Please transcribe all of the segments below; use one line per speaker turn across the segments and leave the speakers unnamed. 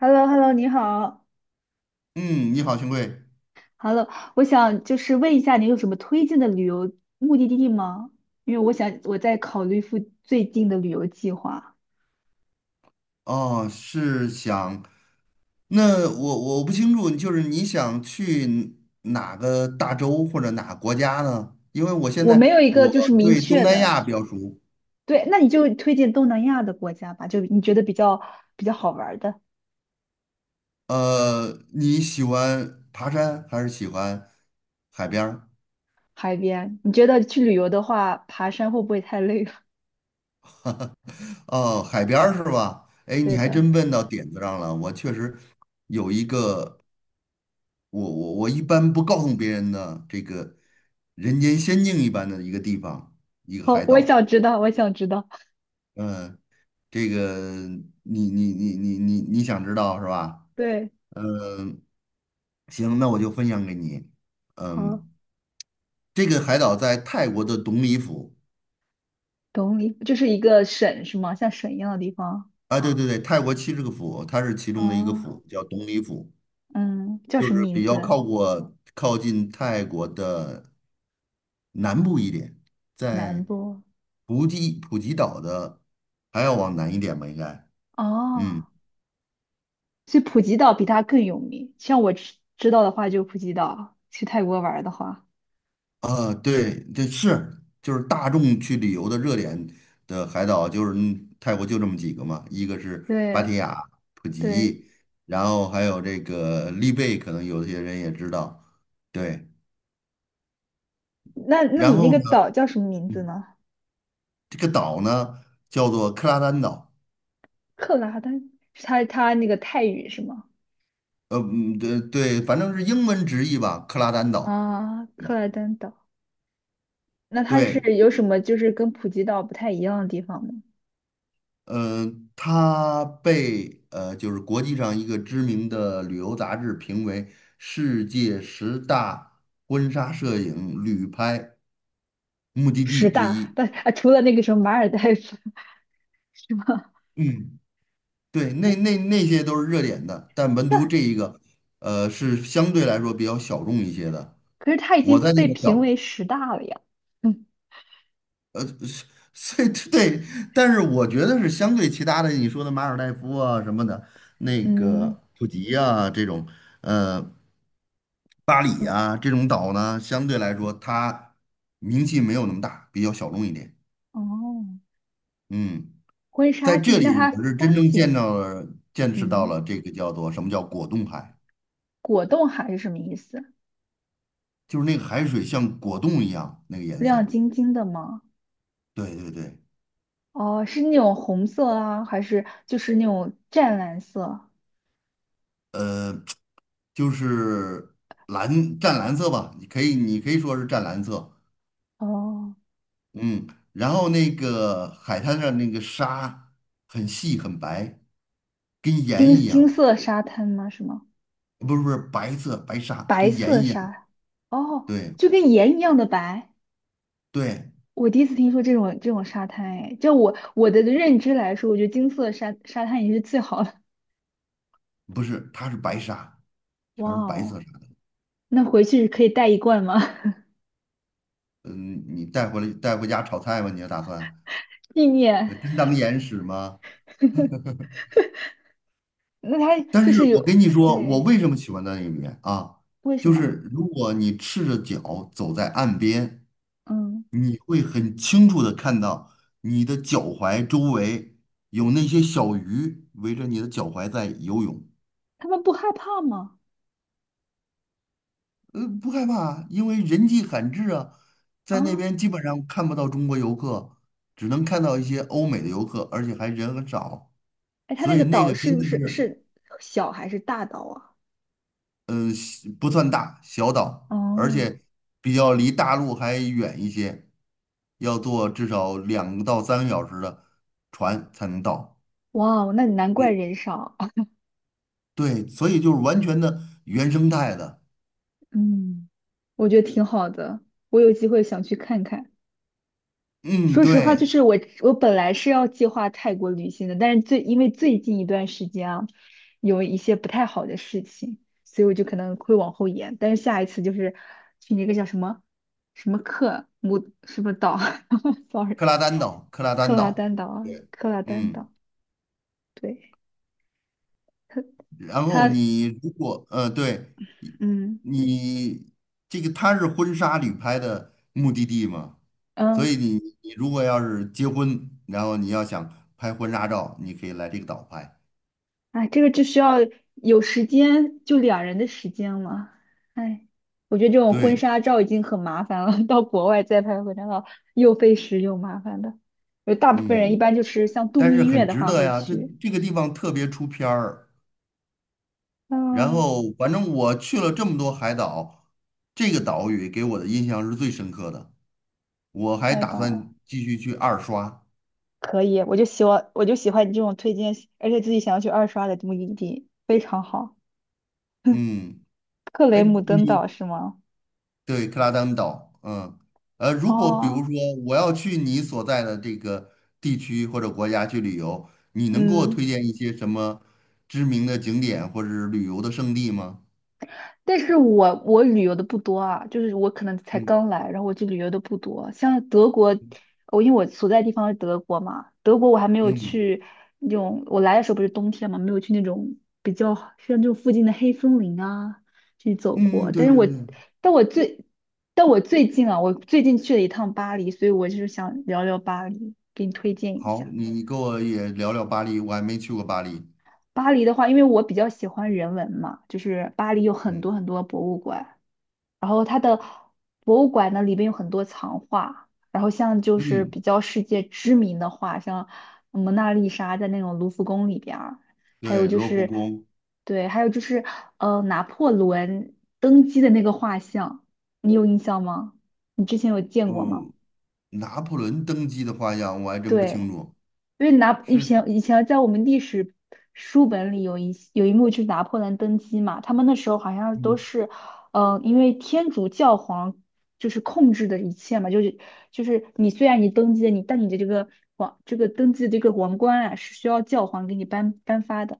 Hello Hello 你好
嗯，你好，兄贵。
，Hello，我想就是问一下，你有什么推荐的旅游目的地吗？因为我想我在考虑最近的旅游计划，
哦，那我不清楚，就是你想去哪个大洲或者哪个国家呢？因为我现
我没有
在
一个
我
就是明
对东
确
南
的。
亚比较熟。
对，那你就推荐东南亚的国家吧，就你觉得比较好玩儿的
呃，你喜欢爬山还是喜欢海边儿？
海边。你觉得去旅游的话，爬山会不会太累了？
哦，海边儿是吧？哎，你
对
还
的，
真问到点子上了。我确实有一个，我一般不告诉别人的这个人间仙境一般的一个地方，一个
好，
海
我
岛。
想知道，我想知道。
嗯，这个你想知道是吧？
对，
嗯，行，那我就分享给你。
好，
嗯，这个海岛在泰国的董里府。
懂你，就是一个省是吗？像省一样的地方。
啊，对对对，泰国70个府，它是其中的一个
啊，
府，叫董里府，
嗯，叫
就
什么
是
名
比较
字？
靠近泰国的南部一点，
南
在
波
普吉岛的还要往南一点吧，应该。
哦，
嗯，
所以普吉岛比它更有名。像我知道的话，就普吉岛。去泰国玩儿的话，
啊，对，这是就是大众去旅游的热点的海岛，就是泰国就这么几个嘛，一个是芭
对
提雅、普
对，
吉，然后还有这个丽贝，可能有些人也知道。对，
那
然
你那
后
个
呢，
岛叫什么名字呢？
这个岛呢叫做克拉丹岛。
克拉丹是它那个泰语是吗？
嗯对对，反正是英文直译吧，克拉丹岛。
啊，克拉丹岛。那它是
对，
有什么就是跟普吉岛不太一样的地方吗？
嗯，它被就是国际上一个知名的旅游杂志评为世界十大婚纱摄影旅拍目的
十
地之
大，
一。
但啊，除了那个什么马尔代夫是吗？
嗯，对，那些都是热点的，但唯 独
但
这一个，是相对来说比较小众一些的。
可是它已
我在
经
那
被
个
评
叫。
为十大了呀。嗯
是所以对，但是我觉得是相对其他的，你说的马尔代夫啊什么的，那
嗯
个普吉啊这种，呃，巴黎
嗯，
啊这种岛呢，相对来说它名气没有那么大，比较小众一点。
哦。
嗯，
婚
在
纱
这
地，那
里
它
我是真
风
正见
景，
到了、见识到
嗯，
了这个叫做什么叫果冻海，
果冻海是什么意思？
就是那个海水像果冻一样那个颜
亮
色。
晶晶的吗？
对对对。
哦，是那种红色啊，还是就是那种湛蓝色？
呃，就是湛蓝色吧，你可以说是湛蓝色。
哦，
嗯，然后那个海滩上那个沙很细很白，跟盐
金
一
金
样。
色沙滩吗？是吗？
不是不是白沙，
白
跟盐
色
一样。
沙，哦，
对
就跟盐一样的白。
对，
我第一次听说这种沙滩，哎，就我的认知来说，我觉得金色沙滩也是最好的。
不是，它是白沙，
哇
全是白色
哦，
沙的。
那回去可以带一罐吗？
嗯，你带回家炒菜吧，你要打算，
纪念。
真当盐使吗？
那它就
但是
是有，
我跟你说，我
对，
为什么喜欢在那边啊？
为什
就
么？
是如果你赤着脚走在岸边，
嗯，
你会很清楚的看到你的脚踝周围有那些小鱼围着你的脚踝在游泳。
他们不害怕吗？
不害怕，因为人迹罕至啊，
啊，
在那边基本上看不到中国游客，只能看到一些欧美的游客，而且还人很少，
哎，他
所
那个
以那
岛
个
是
真
不
的
是
是。
是小还是大岛啊？
嗯，是不算大，小岛，而
哦，
且比较离大陆还远一些，要坐至少2到3个小时的船才能到。
哇，那难怪
对，
人少。
对，所以就是完全的原生态的。
嗯，我觉得挺好的，我有机会想去看看。
嗯，
说实话，就
对，
是我本来是要计划泰国旅行的，但是因为最近一段时间啊，有一些不太好的事情，所以我就可能会往后延。但是下一次就是去那个叫什么什么克姆什么岛 ，sorry，
克拉丹岛，克拉丹
克拉
岛。
丹岛啊，
对，
克拉丹
嗯。
岛，对，它
然后
它
你如果对，你
嗯
你这个它是婚纱旅拍的目的地嘛，所以
嗯。
你如果要是结婚，然后你要想拍婚纱照，你可以来这个岛拍。
哎，这个就需要有时间，就两人的时间了。哎，我觉得这种婚
对，
纱照已经很麻烦了，到国外再拍婚纱照又费时又麻烦的。有大部分人一
嗯，
般就是像度
但是
蜜
很
月的
值
话
得
会
呀，这
去。
这个地方特别出片儿。
啊，
然后反正我去了这么多海岛，这个岛屿给我的印象是最深刻的。我还
太
打
棒了，
算继续去二刷。
可以，我就喜欢，我就喜欢你这种推荐，而且自己想要去二刷的目的地，非常好。
嗯，
克
哎，
雷姆登
你
岛是吗？
对，克拉丹岛，如果比如
哦，
说我要去你所在的这个地区或者国家去旅游，你能给我推
嗯。
荐一些什么知名的景点或者是旅游的胜地吗？
但是我旅游的不多啊，就是我可能才
嗯
刚来，然后我就旅游的不多。像德国，我因为我所在地方是德国嘛，德国我还没有
嗯
去那种，我来的时候不是冬天嘛，没有去那种比较像这种附近的黑森林啊去走
嗯，
过。
对
但是
对
我
对，
但我最但我最近啊，我最近去了一趟巴黎，所以我就是想聊聊巴黎，给你推荐一
好，
下。
你给我也聊聊巴黎，我还没去过巴黎。
巴黎的话，因为我比较喜欢人文嘛，就是巴黎有很
嗯
多很多博物馆。然后它的博物馆呢里边有很多藏画，然后像就是
嗯，
比较世界知名的画，像蒙娜丽莎在那种卢浮宫里边儿，还有
对，
就
罗浮
是，
宫，
对，还有就是拿破仑登基的那个画像，你有印象吗？你之前有见过吗？
嗯，拿破仑登基的画像我还真不
对。
清楚，
因为以
是，
前以前在我们历史书本里有一幕就是拿破仑登基嘛，他们那时候好像都
嗯，
是，因为天主教皇就是控制的一切嘛，就是你虽然你登基了，但你的这个登基的这个王冠啊是需要教皇给你颁发的，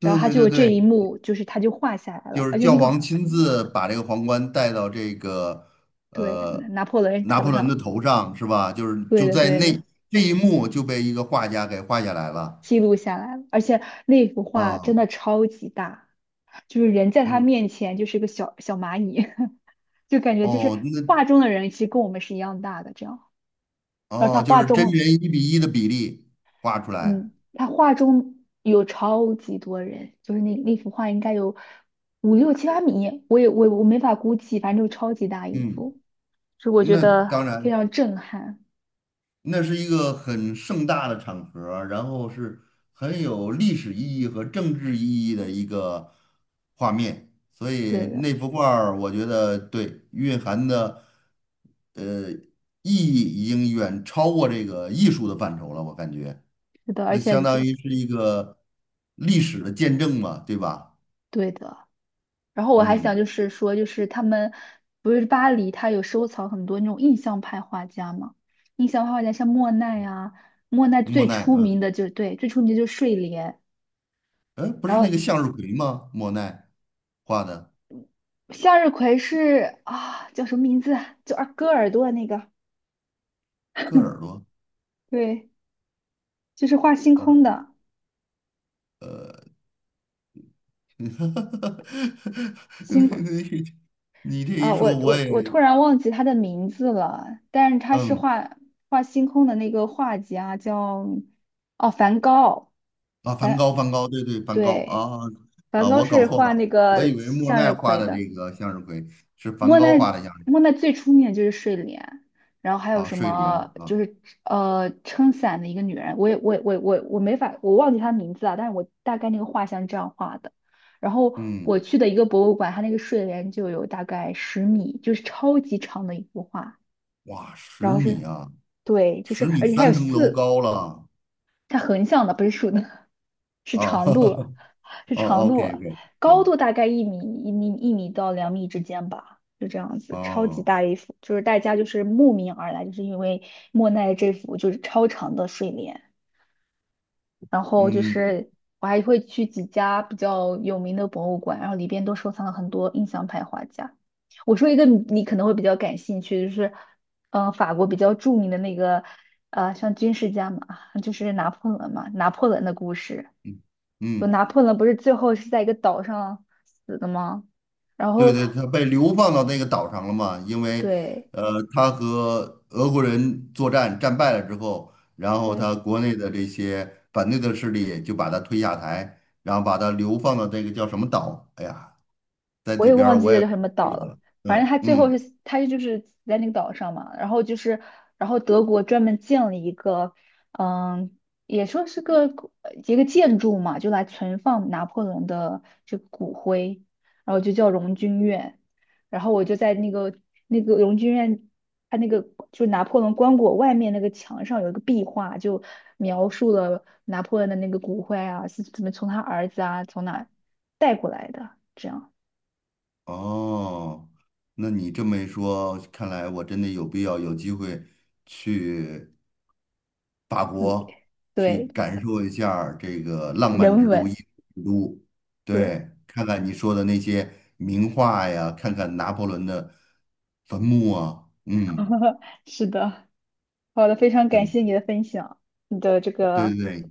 然后他
对
就
对
有这一
对，
幕，就是他就画下来了，
就是
而且
教皇亲自把这个皇冠戴到这个
对
呃
拿破仑
拿
头
破仑的
上，
头上，是吧？就是
对
就
的
在
对
那
的。
这一幕就被一个画家给画下来了。
记录下来了，而且那幅画真
啊，
的超级大，就是人在他
嗯
面前就是个小小蚂蚁，就感觉就是
哦，那
画中的人其实跟我们是一样大的这样。而他
哦就
画
是真
中，
人1:1的比例画出来。
嗯，他画中有超级多人，就是那幅画应该有5、6、7、8米，我也我没法估计，反正就超级大一
嗯，
幅，就我觉
那当
得非
然
常震撼。
那是一个很盛大的场合，然后是很有历史意义和政治意义的一个画面，所以
对的，
那幅画儿我觉得对蕴含的意义已经远超过这个艺术的范畴了，我感觉
是的，而
那
且
相当于是一个历史的见证嘛，对吧？
对的。然后我还想
嗯，
就是说，就是他们不是巴黎，他有收藏很多那种印象派画家嘛？印象派画家像莫奈啊，莫奈
莫
最
奈，
出
嗯，
名的就是，对，最出名的就是睡莲。
哎，不
然
是那个
后
向日葵吗？莫奈画的
向日葵是啊，叫什么名字啊？就二割耳朵的那个，
割耳朵。
对，就是画星空的
你
星空
你你这
啊，
一
我
说，我
我
也
我突然忘记他的名字了，但是他是
嗯
画星空的那个画家叫哦梵高，
梵
梵
高，梵高，对对，梵高
对。
啊
梵
啊，
高
我搞
是
错
画
了，
那
我以
个
为莫
向
奈
日
画
葵
的
的，
这个向日葵是梵
莫
高
奈
画的向日
莫奈最出名的就是睡莲，然后还
葵
有
啊，
什
睡莲
么
啊，
就是撑伞的一个女人，我也我没法我忘记她名字啊，但是我大概那个画像是这样画的。然后
嗯，
我去的一个博物馆，它那个睡莲就有大概10米，就是超级长的一幅画，
哇，十
然后是
米啊，
对，就
十
是
米
而且它有
3层楼
四
高了。
它横向的不是竖的，是
啊，
长度，是
哦
长度，
，OK OK，
高
嗯，
度大概一米到两米之间吧，就这样子，超级
哦，
大一幅，就是大家就是慕名而来，就是因为莫奈这幅就是超长的睡莲。然后就
嗯
是我还会去几家比较有名的博物馆，然后里边都收藏了很多印象派画家。我说一个你可能会比较感兴趣，就是法国比较著名的那个像军事家嘛，就是拿破仑嘛，拿破仑的故事。
嗯。
就
嗯
拿破仑不是最后是在一个岛上死的吗？然
对
后
对，他被流放到那个岛上了嘛，因为，
对
他和俄国人作战战败了之后，然后
对，
他国内的这些反对的势力就把他推下台，然后把他流放到这个叫什么岛？哎呀，在
我
这
也
边
忘
儿
记
我
了
也
叫什么
记
岛
不得
了，
了，
反正
嗯
他最
嗯，
后是他就是死在那个岛上嘛，然后德国专门建了一个，嗯，也说是个古呃一个建筑嘛，就来存放拿破仑的这个骨灰，然后就叫荣军院，然后我就在那个荣军院。他那个就是拿破仑棺椁外面那个墙上有一个壁画，就描述了拿破仑的那个骨灰啊，是怎么从他儿子啊从哪带过来的，这样。
哦，那你这么一说，看来我真的有必要有机会去。法
你
国去
对
感受一下儿这个浪漫
人
之都、
文，
艺术之都，
对，
对，看看你说的那些名画呀，看看拿破仑的坟墓啊，嗯，
是的，好的，非常感谢
对
你的分享，你的这
对
个
对对，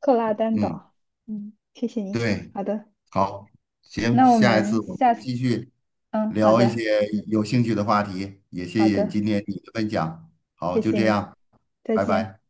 克拉丹
嗯，
岛，嗯，谢谢你。
对，
好的，
好，行，
那我
下一次
们
我们
下次，
继续
嗯，好
聊一
的，
些有兴趣的话题，也
好
谢谢你
的，
今天你的分享，好，
谢
就
谢
这
你，
样，
再
拜
见。
拜。